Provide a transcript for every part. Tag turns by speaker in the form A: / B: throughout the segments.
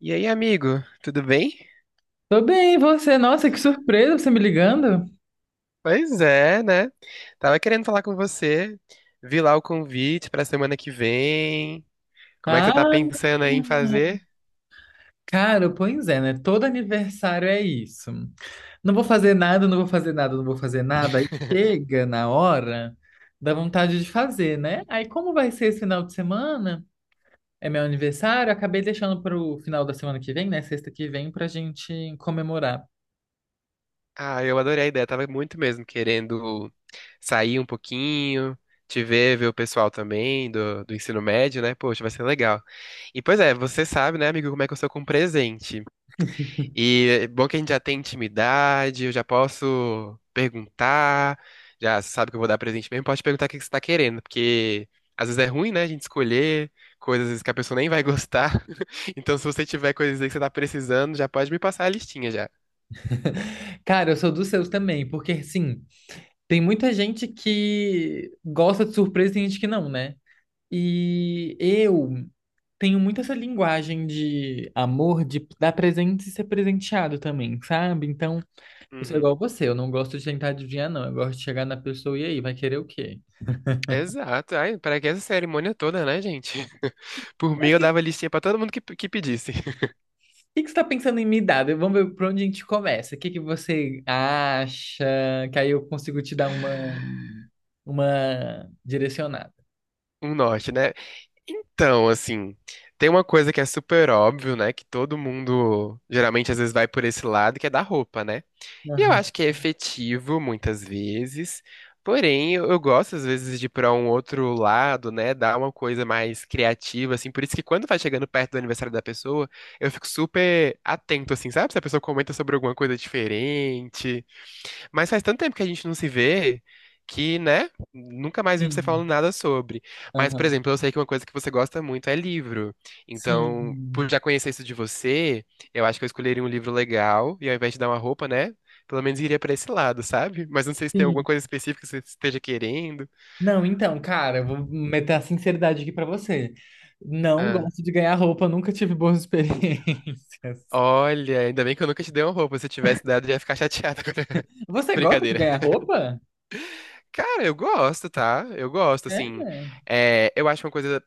A: E aí, amigo, tudo bem?
B: Tô bem, e você? Nossa, que surpresa você me ligando.
A: Pois é, né? Tava querendo falar com você. Vi lá o convite pra semana que vem. Como é que você tá
B: Ah,
A: pensando aí em fazer?
B: cara, pois é, né? Todo aniversário é isso. Não vou fazer nada, não vou fazer nada, não vou fazer nada. Aí chega na hora, dá vontade de fazer, né? Aí como vai ser esse final de semana? É meu aniversário, acabei deixando pro final da semana que vem, né? Sexta que vem, pra gente comemorar.
A: Ah, eu adorei a ideia. Tava muito mesmo querendo sair um pouquinho, te ver, ver o pessoal também do ensino médio, né? Poxa, vai ser legal. E pois é, você sabe, né, amigo, como é que eu sou com presente. E é bom que a gente já tem intimidade, eu já posso perguntar, já sabe que eu vou dar presente mesmo, pode perguntar o que que você tá querendo, porque às vezes é ruim, né, a gente escolher coisas às vezes, que a pessoa nem vai gostar. Então, se você tiver coisas aí que você tá precisando, já pode me passar a listinha já.
B: Cara, eu sou dos seus também, porque assim, tem muita gente que gosta de surpresa e tem gente que não, né? E eu tenho muito essa linguagem de amor, de dar presente e ser presenteado também, sabe? Então, eu sou
A: Uhum.
B: igual você, eu não gosto de tentar adivinhar, não. Eu gosto de chegar na pessoa e aí, vai querer o quê?
A: Exato. Ai, para que essa cerimônia toda, né, gente? Por mim,
B: Mas o
A: eu
B: que,
A: dava listinha pra todo mundo que pedisse.
B: que você tá pensando em me dar? Vamos ver por onde a gente começa. O que que você acha? Que aí eu consigo te dar uma direcionada.
A: Um norte, né? Então, assim, tem uma coisa que é super óbvio, né? Que todo mundo geralmente às vezes vai por esse lado, que é da roupa, né? E eu
B: Aham.
A: acho que é efetivo muitas vezes. Porém, eu gosto às vezes de ir pra um outro lado, né? Dar uma coisa mais criativa, assim. Por isso que quando vai chegando perto do aniversário da pessoa, eu fico super atento, assim, sabe? Se a pessoa comenta sobre alguma coisa diferente. Mas faz tanto tempo que a gente não se vê que, né, nunca mais vi você
B: Sim.
A: falando nada sobre. Mas, por
B: Aham.
A: exemplo, eu sei que uma coisa que você gosta muito é livro. Então, por já
B: Sim.
A: conhecer isso de você, eu acho que eu escolheria um livro legal e ao invés de dar uma roupa, né, pelo menos iria pra esse lado, sabe? Mas não sei se tem alguma
B: Sim.
A: coisa específica que você esteja querendo.
B: Não, então, cara, eu vou meter a sinceridade aqui pra você. Não
A: Ah,
B: gosto de ganhar roupa, nunca tive boas experiências.
A: olha, ainda bem que eu nunca te dei uma roupa. Se eu tivesse dado, eu ia ficar chateada.
B: Você gosta de
A: Brincadeira.
B: ganhar roupa?
A: Cara, eu gosto, tá? Eu gosto, assim.
B: É.
A: É, eu acho uma coisa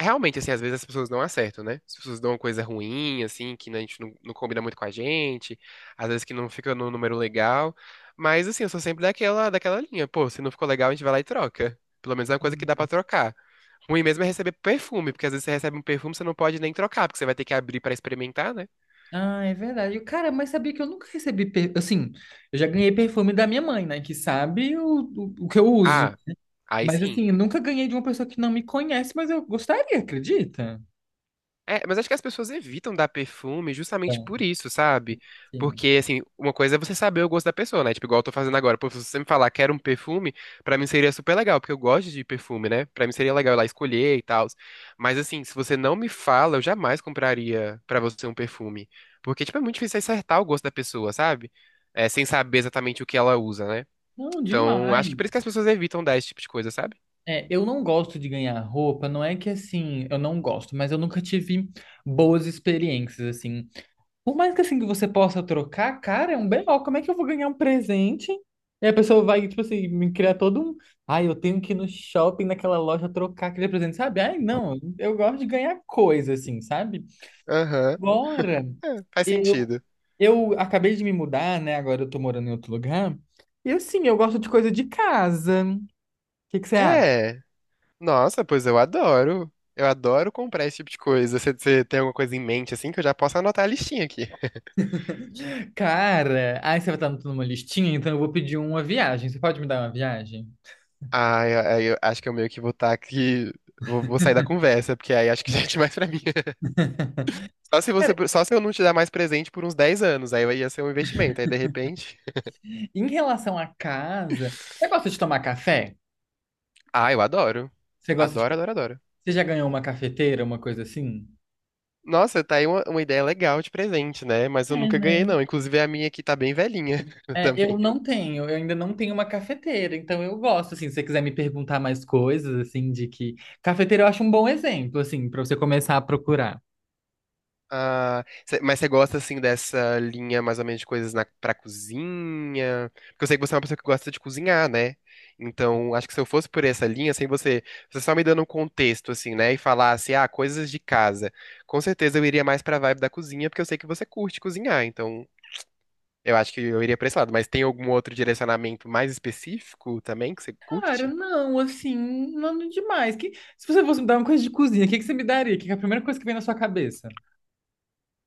A: realmente, assim, às vezes as pessoas não acertam, né? As pessoas dão uma coisa ruim, assim, que né, a gente não, não combina muito com a gente, às vezes que não fica no número legal. Mas, assim, eu sou sempre daquela linha. Pô, se não ficou legal, a gente vai lá e troca. Pelo menos é uma coisa que dá pra trocar. Ruim mesmo é receber perfume, porque às vezes você recebe um perfume, você não pode nem trocar, porque você vai ter que abrir pra experimentar, né?
B: Ah, é verdade. Cara, mas sabia que eu nunca recebi. Assim, eu já ganhei perfume da minha mãe, né? Que sabe o que eu uso.
A: Ah, aí
B: Mas
A: sim.
B: assim, eu nunca ganhei de uma pessoa que não me conhece, mas eu gostaria, acredita?
A: É, mas acho que as pessoas evitam dar perfume justamente
B: Então,
A: por isso, sabe?
B: sim.
A: Porque, assim, uma coisa é você saber o gosto da pessoa, né? Tipo, igual eu tô fazendo agora. Pô, se você me falar, quero um perfume, pra mim seria super legal, porque eu gosto de perfume, né? Pra mim seria legal ir lá escolher e tal. Mas, assim, se você não me fala, eu jamais compraria pra você um perfume. Porque, tipo, é muito difícil acertar o gosto da pessoa, sabe? É, sem saber exatamente o que ela usa, né?
B: Não,
A: Então, acho que
B: demais.
A: por isso que as pessoas evitam dar esse tipo de coisa, sabe?
B: É, eu não gosto de ganhar roupa, não é que assim, eu não gosto, mas eu nunca tive boas experiências, assim. Por mais que assim que você possa trocar, cara, é um BO, como é que eu vou ganhar um presente? E a pessoa vai, tipo assim, me criar todo um. Ai, eu tenho que ir no shopping, naquela loja, trocar aquele presente, sabe? Ai, não, eu gosto de ganhar coisa, assim, sabe?
A: Aham,
B: Bora!
A: é, faz
B: Eu,
A: sentido.
B: eu acabei de me mudar, né? Agora eu tô morando em outro lugar. E assim, eu gosto de coisa de casa. O que que você acha?
A: É. Nossa, pois eu adoro. Eu adoro comprar esse tipo de coisa. Você tem alguma coisa em mente, assim, que eu já posso anotar a listinha aqui.
B: Cara, ai, você vai estar numa listinha, então eu vou pedir uma viagem. Você pode me dar uma viagem?
A: Ah, eu, aí eu acho que eu meio que vou estar aqui. Vou sair da conversa, porque aí acho que já é demais pra mim.
B: Cara,
A: Só se eu não te dar mais presente por uns 10 anos, aí ia ser um investimento. Aí de repente.
B: em relação à casa, você gosta de tomar café?
A: Ah, eu adoro.
B: Você gosta de...
A: Adoro, adoro, adoro.
B: Você já ganhou uma cafeteira, uma coisa assim?
A: Nossa, tá aí uma ideia legal de presente, né? Mas eu
B: É,
A: nunca ganhei,
B: né?
A: não. Inclusive a minha aqui tá bem velhinha
B: É, eu
A: também.
B: não tenho, eu ainda não tenho uma cafeteira, então eu gosto, assim, se você quiser me perguntar mais coisas, assim, de que... Cafeteira eu acho um bom exemplo, assim, pra você começar a procurar.
A: Ah, mas você gosta assim dessa linha mais ou menos de coisas pra cozinha? Porque eu sei que você é uma pessoa que gosta de cozinhar, né? Então, acho que se eu fosse por essa linha, assim, você só me dando um contexto, assim, né? E falasse, ah, coisas de casa. Com certeza eu iria mais pra vibe da cozinha, porque eu sei que você curte cozinhar. Então, eu acho que eu iria pra esse lado. Mas tem algum outro direcionamento mais específico também que você
B: Cara,
A: curte?
B: não, assim, nada demais. Que... Se você fosse me dar uma coisa de cozinha, o que que você me daria? Que é a primeira coisa que vem na sua cabeça?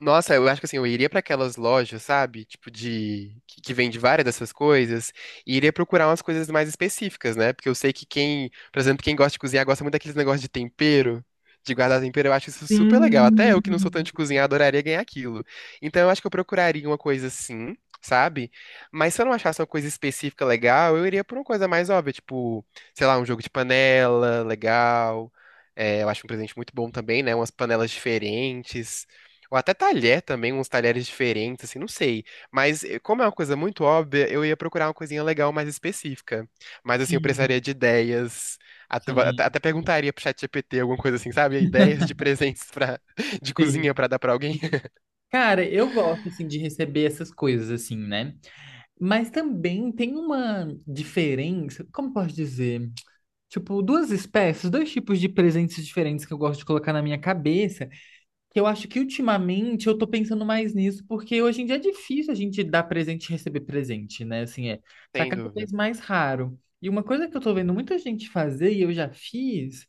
A: Nossa, eu acho que assim, eu iria pra aquelas lojas, sabe? Tipo de que vende várias dessas coisas e iria procurar umas coisas mais específicas, né? Porque eu sei que quem, por exemplo, quem gosta de cozinhar gosta muito daqueles negócios de tempero, de guardar tempero, eu acho isso super legal. Até
B: Sim,
A: eu que não sou tanto de cozinhar, adoraria ganhar aquilo. Então eu acho que eu procuraria uma coisa assim, sabe? Mas se eu não achasse uma coisa específica legal, eu iria por uma coisa mais óbvia, tipo, sei lá, um jogo de panela legal. É, eu acho um presente muito bom também, né? Umas panelas diferentes. Ou até talher também, uns talheres diferentes, assim, não sei. Mas eh, como é uma coisa muito óbvia, eu ia procurar uma coisinha legal mais específica. Mas assim, eu precisaria
B: sim,
A: de ideias.
B: sim,
A: Até perguntaria pro ChatGPT alguma coisa assim, sabe? Ideias de presentes pra, de
B: sim.
A: cozinha pra dar pra alguém.
B: Cara, eu gosto assim de receber essas coisas assim, né? Mas também tem uma diferença, como posso dizer? Tipo, duas espécies, dois tipos de presentes diferentes que eu gosto de colocar na minha cabeça, que eu acho que ultimamente eu tô pensando mais nisso, porque hoje em dia é difícil a gente dar presente e receber presente, né? Assim, é, tá
A: Sem
B: cada
A: dúvida.
B: vez mais raro. E uma coisa que eu tô vendo muita gente fazer e eu já fiz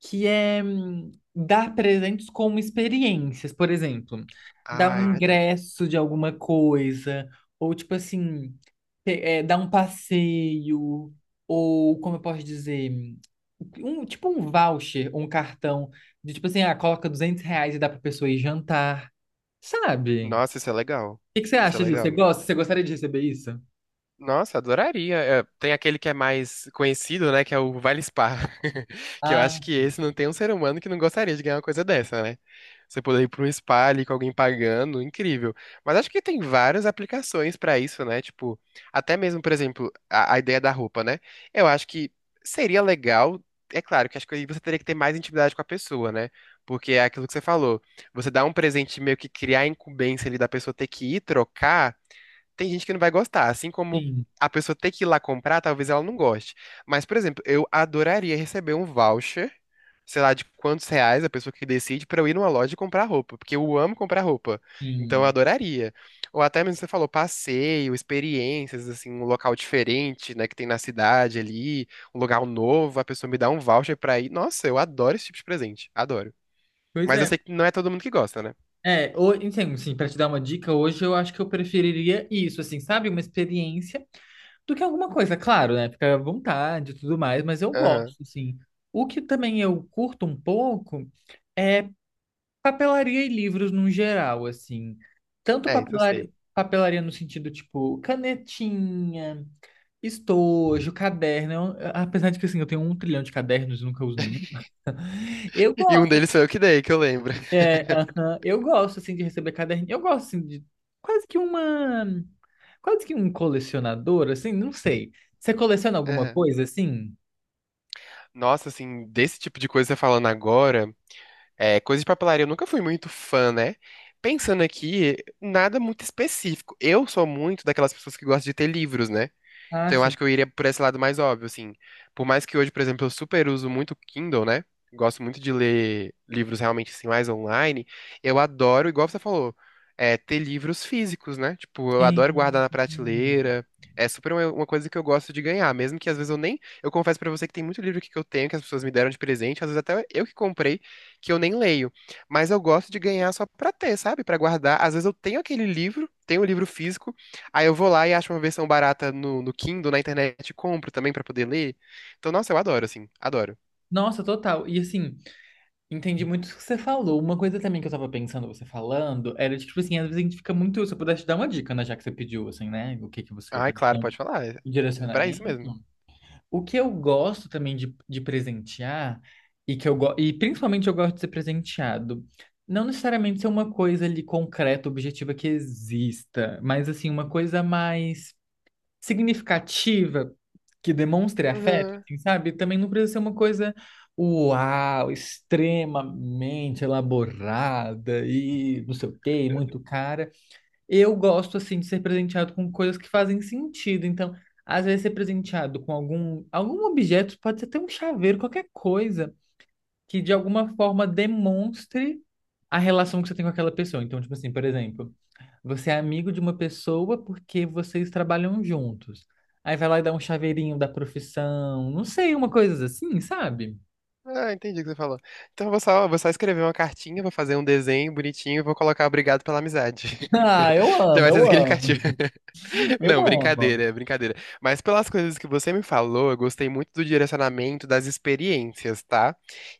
B: que é dar presentes como experiências, por exemplo, dar
A: Ah, é
B: um
A: verdade.
B: ingresso de alguma coisa, ou tipo assim, dar um passeio, ou como eu posso dizer, tipo um voucher, um cartão, de tipo assim, ah, coloca R$ 200 e dá pra pessoa ir jantar, sabe? O
A: Nossa, isso é legal.
B: que que você
A: Isso é
B: acha disso? Você
A: legal.
B: gosta? Você gostaria de receber isso?
A: Nossa, adoraria. É, tem aquele que é mais conhecido, né? Que é o Vale Spa. Que eu acho
B: Ah,
A: que esse não tem um ser humano que não gostaria de ganhar uma coisa dessa, né? Você poder ir para um spa ali com alguém pagando, incrível. Mas acho que tem várias aplicações para isso, né? Tipo, até mesmo, por exemplo, a ideia da roupa, né? Eu acho que seria legal. É claro que acho que aí você teria que ter mais intimidade com a pessoa, né? Porque é aquilo que você falou. Você dá um presente e meio que criar a incumbência ali da pessoa ter que ir trocar. Tem gente que não vai gostar, assim como
B: sim,
A: a pessoa ter que ir lá comprar, talvez ela não goste. Mas, por exemplo, eu adoraria receber um voucher, sei lá, de quantos reais a pessoa que decide pra eu ir numa loja e comprar roupa, porque eu amo comprar roupa. Então eu
B: sim.
A: adoraria. Ou até mesmo você falou passeio, experiências, assim, um local diferente, né, que tem na cidade ali, um lugar novo, a pessoa me dá um voucher pra ir. Nossa, eu adoro esse tipo de presente, adoro.
B: Pois
A: Mas eu
B: é,
A: sei que não é todo mundo que gosta, né?
B: é, então, assim, para te dar uma dica, hoje eu acho que eu preferiria isso, assim, sabe? Uma experiência do que alguma coisa, claro, né? Fica à vontade e tudo mais, mas eu
A: Aham.
B: gosto, assim. O que também eu curto um pouco é papelaria e livros no geral, assim. Tanto
A: É, isso eu
B: papelaria,
A: sei.
B: papelaria no sentido, tipo, canetinha, estojo, caderno. Apesar de que, assim, eu tenho um trilhão de cadernos e nunca uso nenhum. Eu
A: E um
B: gosto.
A: deles foi eu que dei, que eu lembro.
B: É, aham. Eu gosto, assim, de receber caderninho. Eu gosto, assim, de quase que uma... Quase que um colecionador, assim, não sei. Você coleciona alguma
A: É.
B: coisa, assim?
A: Nossa, assim, desse tipo de coisa falando agora, é, coisa de papelaria, eu nunca fui muito fã, né? Pensando aqui, nada muito específico. Eu sou muito daquelas pessoas que gostam de ter livros, né?
B: Ah,
A: Então eu
B: sim.
A: acho que eu iria por esse lado mais óbvio, assim. Por mais que hoje, por exemplo, eu super uso muito Kindle, né? Gosto muito de ler livros realmente assim mais online. Eu adoro, igual você falou, é, ter livros físicos, né? Tipo, eu adoro guardar
B: Sim.
A: na prateleira. É super uma coisa que eu gosto de ganhar, mesmo que às vezes eu nem, eu confesso pra você que tem muito livro aqui que eu tenho que as pessoas me deram de presente, às vezes até eu que comprei, que eu nem leio, mas eu gosto de ganhar só pra ter, sabe? Pra guardar. Às vezes eu tenho aquele livro, tenho o livro físico. Aí eu vou lá e acho uma versão barata no Kindle, na internet, e compro também pra poder ler. Então, nossa, eu adoro, assim, adoro.
B: Nossa, total. E, assim, entendi muito o que você falou. Uma coisa também que eu tava pensando, você falando, era, de, tipo assim, às vezes a gente fica muito... Se eu pudesse te dar uma dica, né, já que você pediu, assim, né? O que que você...
A: Ah, é
B: Pra te
A: claro,
B: dar um
A: pode falar. É, é pra
B: direcionamento.
A: isso mesmo.
B: O que eu gosto também de presentear, e e principalmente eu gosto de ser presenteado, não necessariamente ser uma coisa ali concreta, objetiva que exista, mas assim, uma coisa mais significativa que demonstre afeto,
A: Uhum.
B: assim, sabe? Também não precisa ser uma coisa uau, extremamente elaborada e não sei o quê, e muito cara. Eu gosto, assim, de ser presenteado com coisas que fazem sentido. Então, às vezes, ser presenteado com algum objeto, pode ser até um chaveiro, qualquer coisa, que de alguma forma demonstre a relação que você tem com aquela pessoa. Então, tipo assim, por exemplo, você é amigo de uma pessoa porque vocês trabalham juntos. Aí vai lá e dá um chaveirinho da profissão, não sei, uma coisa assim, sabe?
A: Ah, entendi o que você falou. Então eu vou só escrever uma cartinha, vou fazer um desenho bonitinho e vou colocar obrigado pela amizade.
B: Ah, eu
A: Já
B: amo,
A: vai ser
B: eu amo,
A: significativo. Não,
B: eu amo.
A: brincadeira, é brincadeira. Mas pelas coisas que você me falou, eu gostei muito do direcionamento das experiências, tá?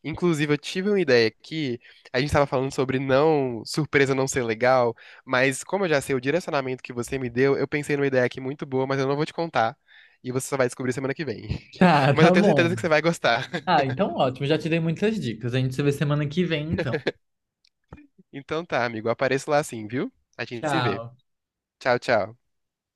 A: Inclusive, eu tive uma ideia aqui, a gente estava falando sobre não, surpresa não ser legal, mas como eu já sei o direcionamento que você me deu, eu pensei numa ideia aqui muito boa, mas eu não vou te contar. E você só vai descobrir semana que vem.
B: Tá,
A: Mas eu
B: tá
A: tenho certeza
B: bom.
A: que você vai gostar.
B: Ah, então ótimo, já te dei muitas dicas. A gente se vê semana que vem, então.
A: Então tá, amigo, apareço lá sim, viu? A gente se vê.
B: Tchau.
A: Tchau, tchau.